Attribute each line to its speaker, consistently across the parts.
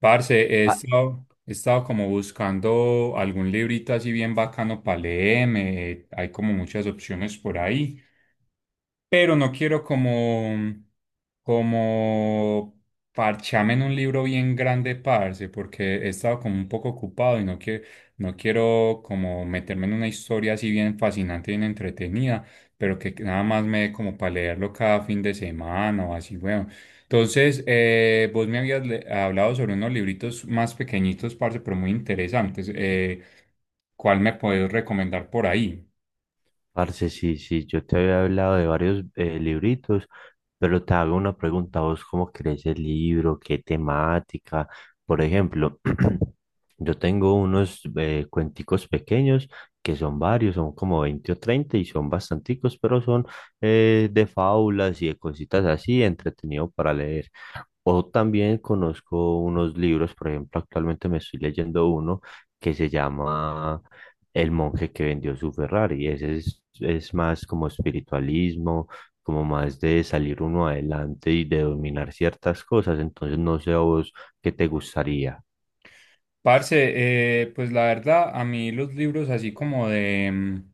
Speaker 1: Parce, he
Speaker 2: Pa-
Speaker 1: estado, he estado como buscando algún librito así bien bacano para leerme. Hay como muchas opciones por ahí, pero no quiero como, como parchame en un libro bien grande, parce, porque he estado como un poco ocupado y no quiero, no quiero como meterme en una historia así bien fascinante, bien entretenida, pero que nada más me dé como para leerlo cada fin de semana o así, bueno. Entonces, vos hablado sobre unos libritos más pequeñitos, parce, pero muy interesantes. Cuál me podés recomendar por ahí?
Speaker 2: Parce, sí, sí, yo te había hablado de varios libritos, pero te hago una pregunta, ¿vos cómo crees el libro? ¿Qué temática? Por ejemplo, yo tengo unos cuenticos pequeños que son varios, son como 20 o 30 y son bastanticos, pero son de fábulas y de cositas así, entretenido para leer. O también conozco unos libros, por ejemplo, actualmente me estoy leyendo uno que se llama el monje que vendió su Ferrari. Es más como espiritualismo, como más de salir uno adelante y de dominar ciertas cosas. Entonces, no sé a vos qué te gustaría.
Speaker 1: Parce, pues la verdad, a mí los libros así como de...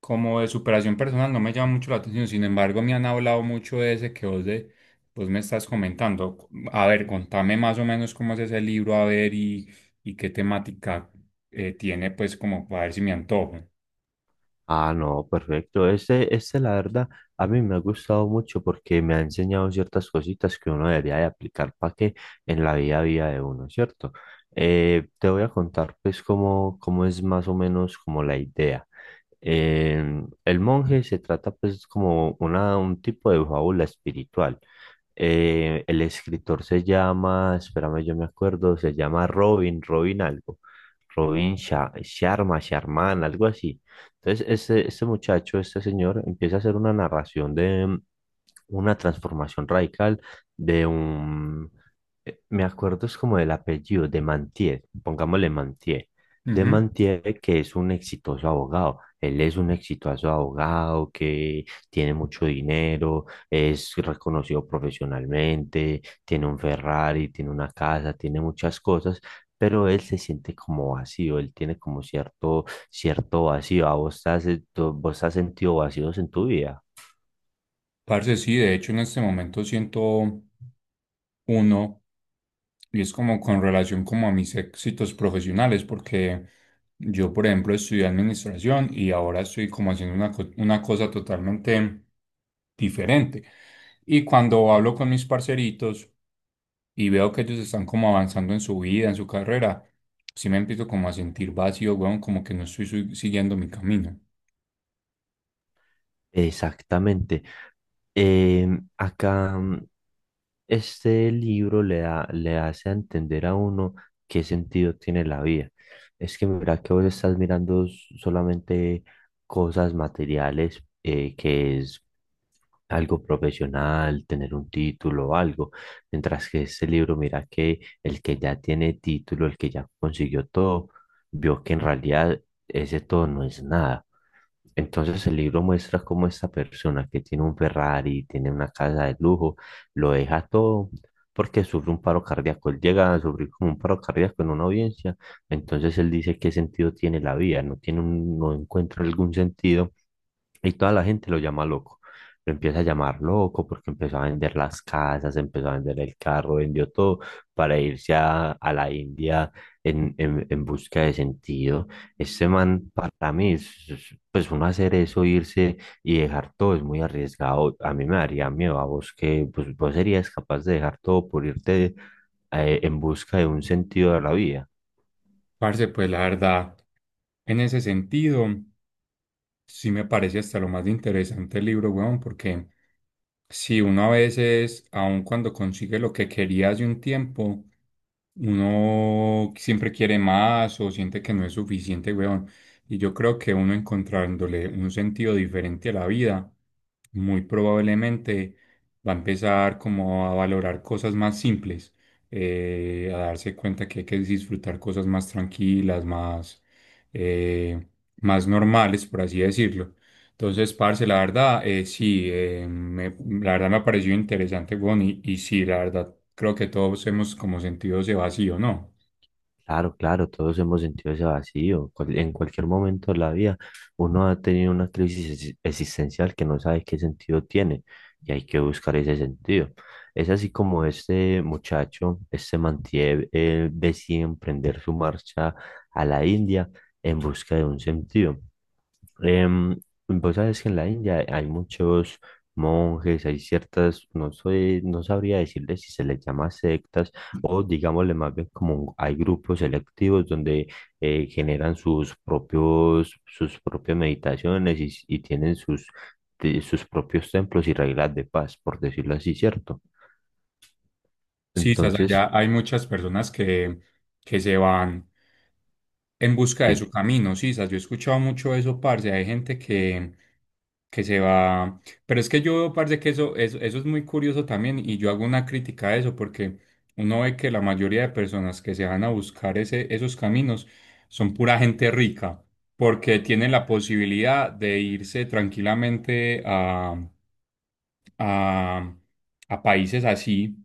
Speaker 1: como de superación personal no me llama mucho la atención. Sin embargo, me han hablado mucho de ese que vos me estás comentando. A ver, contame más o menos cómo es ese libro, a ver, y qué temática tiene, pues como para ver si me antojo.
Speaker 2: Ah, no, perfecto. La verdad, a mí me ha gustado mucho porque me ha enseñado ciertas cositas que uno debería de aplicar para que en la vida a vida de uno, ¿cierto? Te voy a contar pues cómo es más o menos como la idea. El monje se trata pues como un tipo de fábula espiritual. El escritor se llama, espérame, yo me acuerdo, se llama Robin algo, Robin Sharma, Sharman, algo así. Entonces, este muchacho, este señor, empieza a hacer una narración de una transformación radical de un, me acuerdo es como del apellido, de Mantier, pongámosle Mantier, de
Speaker 1: Ujú.
Speaker 2: Mantier que es un exitoso abogado. Él es un exitoso abogado que tiene mucho dinero, es reconocido profesionalmente, tiene un Ferrari, tiene una casa, tiene muchas cosas, pero él se siente como vacío, él tiene como cierto vacío. ¿A vos has sentido vacíos en tu vida?
Speaker 1: Parce, sí, de hecho en este momento siento uno. Y es como con relación como a mis éxitos profesionales, porque yo, por ejemplo, estudié administración y ahora estoy como haciendo una cosa totalmente diferente. Y cuando hablo con mis parceritos y veo que ellos están como avanzando en su vida, en su carrera, sí me empiezo como a sentir vacío, weón, como que no estoy su- siguiendo mi camino.
Speaker 2: Exactamente. Acá, este libro le da, le hace a entender a uno qué sentido tiene la vida. Es que mira que vos estás mirando solamente cosas materiales, que es algo profesional, tener un título o algo, mientras que este libro mira que el que ya tiene título, el que ya consiguió todo, vio que en realidad ese todo no es nada. Entonces el libro muestra cómo esta persona que tiene un Ferrari, tiene una casa de lujo, lo deja todo porque sufre un paro cardíaco. Él llega a sufrir como un paro cardíaco en una audiencia. Entonces él dice qué sentido tiene la vida, no no encuentra algún sentido y toda la gente lo llama loco. Lo empieza a llamar loco porque empezó a vender las casas, empezó a vender el carro, vendió todo para a la India en busca de sentido. Este man, para mí, pues uno hacer eso, irse y dejar todo es muy arriesgado. A mí me daría miedo. ¿A vos que pues, vos serías capaz de dejar todo por irte en busca de un sentido de la vida?
Speaker 1: Parce, pues la verdad, en ese sentido, sí me parece hasta lo más interesante el libro, weón, porque... sí, uno a veces, aun cuando consigue lo que quería hace un tiempo, uno siempre quiere más o siente que no es suficiente, weón. Y yo creo que uno, encontrándole un sentido diferente a la vida, muy probablemente va a empezar como a valorar cosas más simples, a darse cuenta que hay que disfrutar cosas más tranquilas, más, eh, más normales, por así decirlo. Entonces, parce, la verdad, sí, la verdad me ha parecido interesante, weón, y sí, la verdad, creo que todos hemos como sentido ese vacío, ¿no?
Speaker 2: Claro, claro, todos hemos sentido ese vacío. En cualquier momento de la vida, uno ha tenido una crisis existencial que no sabe qué sentido tiene y hay que buscar ese sentido. Es así como este muchacho, este Mantier, él decide emprender su marcha a la India en busca de un sentido. Em, Vos sabes que en la India hay muchos monjes, hay no soy, no sabría decirle si se les llama sectas o digámosle más bien como hay grupos selectivos donde generan sus propias meditaciones y tienen sus propios templos y reglas de paz, por decirlo así, ¿cierto?
Speaker 1: Sí, estás
Speaker 2: Entonces,
Speaker 1: allá, hay muchas personas que se van en busca de
Speaker 2: sí.
Speaker 1: su camino, sí, sas, yo he escuchado mucho eso, parce. Hay gente que se va. Pero es que yo veo, parce, que eso es muy curioso también. Y yo hago una crítica a eso, porque uno ve que la mayoría de personas que se van a buscar esos caminos son pura gente rica, porque tienen la posibilidad de irse tranquilamente a, a países así,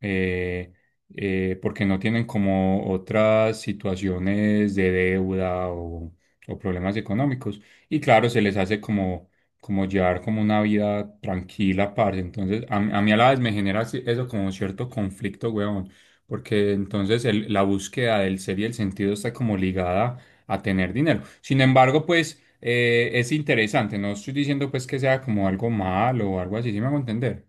Speaker 1: eh, porque no tienen como otras situaciones de deuda o problemas económicos. Y claro, se les hace como, como llevar como una vida tranquila, parce. Entonces, a mí a la vez me genera eso como cierto conflicto, weón, porque entonces la búsqueda del ser y el sentido está como ligada a tener dinero. Sin embargo, pues es interesante, no estoy diciendo pues que sea como algo malo o algo así, si me hago entender.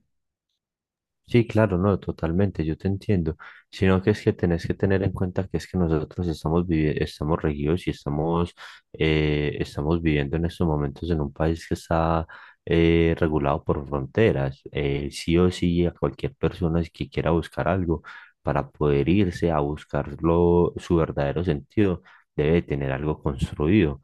Speaker 2: Sí, claro, no, totalmente, yo te entiendo, sino que es que tenés que tener en cuenta que es que nosotros estamos estamos regidos y estamos viviendo en estos momentos en un país que está regulado por fronteras. Sí o sí, a cualquier persona que quiera buscar algo para poder irse a buscarlo, su verdadero sentido, debe tener algo construido,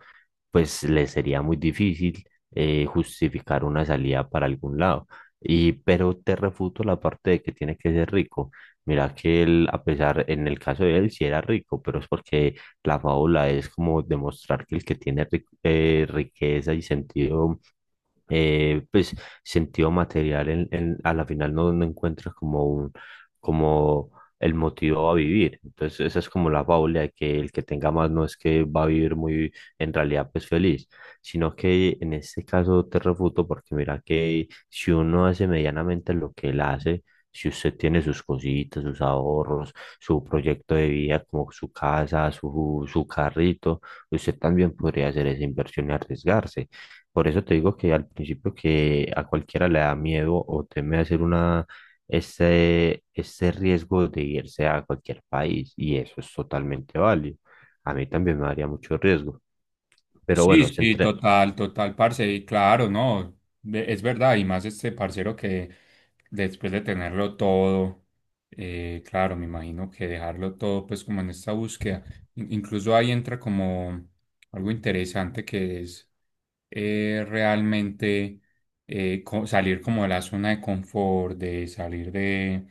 Speaker 2: pues le sería muy difícil justificar una salida para algún lado. Y pero te refuto la parte de que tiene que ser rico. Mira que él, a pesar, en el caso de él, sí era rico, pero es porque la fábula es como demostrar que el que tiene riqueza y sentido pues sentido material a la final no, no encuentras como como el motivo a vivir. Entonces esa es como la fábula de que el que tenga más no es que va a vivir muy en realidad pues feliz, sino que en este caso te refuto porque mira que si uno hace medianamente lo que él hace, si usted tiene sus cositas, sus ahorros, su proyecto de vida como su casa, su carrito, usted también podría hacer esa inversión y arriesgarse. Por eso te digo que al principio que a cualquiera le da miedo o teme hacer ese riesgo de irse a cualquier país y eso es totalmente válido. A mí también me daría mucho riesgo. Pero
Speaker 1: Sí,
Speaker 2: bueno,
Speaker 1: sí,
Speaker 2: centré,
Speaker 1: total, total, parce, y claro, no, es verdad, y más este parcero que después de tenerlo todo, claro, me imagino que dejarlo todo, pues como en esta búsqueda, incluso ahí entra como algo interesante que es realmente salir como de la zona de confort, de salir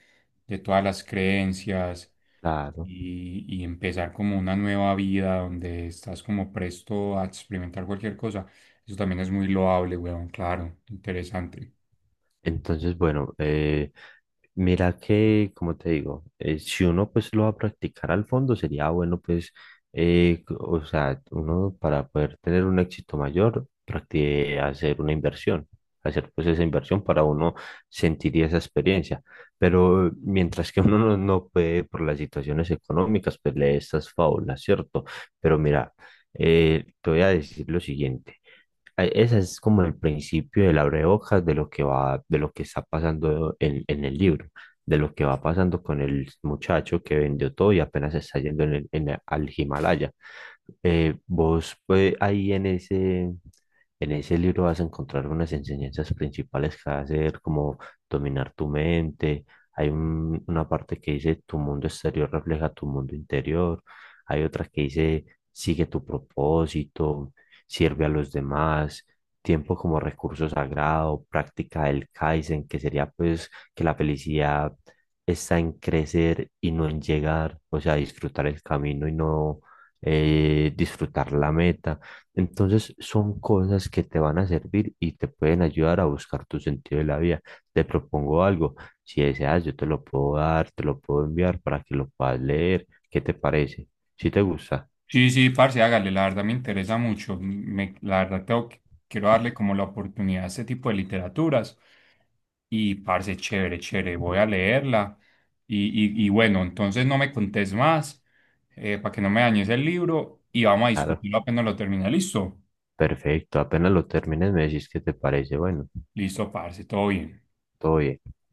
Speaker 1: de todas las creencias,
Speaker 2: claro.
Speaker 1: y empezar como una nueva vida donde estás como presto a experimentar cualquier cosa. Eso también es muy loable, weón, claro, interesante.
Speaker 2: Entonces, bueno, mira que, como te digo, si uno pues lo va a practicar al fondo, sería bueno pues, o sea, uno para poder tener un éxito mayor, practique hacer una inversión, hacer pues esa inversión para uno sentir esa experiencia. Pero mientras que uno no, no puede por las situaciones económicas, pues lee estas fábulas, ¿cierto? Pero mira, te voy a decir lo siguiente. Ese es como el principio del abrebocas de lo que va, de lo que está pasando en el libro, de lo que va pasando con el muchacho que vendió todo y apenas está yendo al Himalaya. Vos pues, ahí en ese libro vas a encontrar unas enseñanzas principales que hacer, como dominar tu mente. Una parte que dice tu mundo exterior refleja tu mundo interior. Hay otra que dice sigue tu propósito, sirve a los demás, tiempo como recurso sagrado, práctica del Kaizen, que sería pues que la felicidad está en crecer y no en llegar, o sea, disfrutar el camino y no disfrutar la meta. Entonces son cosas que te van a servir y te pueden ayudar a buscar tu sentido de la vida. Te propongo algo, si deseas yo te lo puedo dar, te lo puedo enviar para que lo puedas leer. ¿Qué te parece? Si te gusta,
Speaker 1: Sí, sí, parce, hágale, la verdad me interesa mucho. La verdad quiero darle como la oportunidad a este tipo de literaturas. Y parce, chévere, chévere, voy a leerla. Y bueno, entonces no me contés más, para que no me dañes el libro, y vamos a
Speaker 2: claro.
Speaker 1: discutirlo apenas lo termine. ¿Listo?
Speaker 2: Perfecto, apenas lo termines me decís qué te parece. Bueno,
Speaker 1: Listo, parce, todo bien.
Speaker 2: todo bien.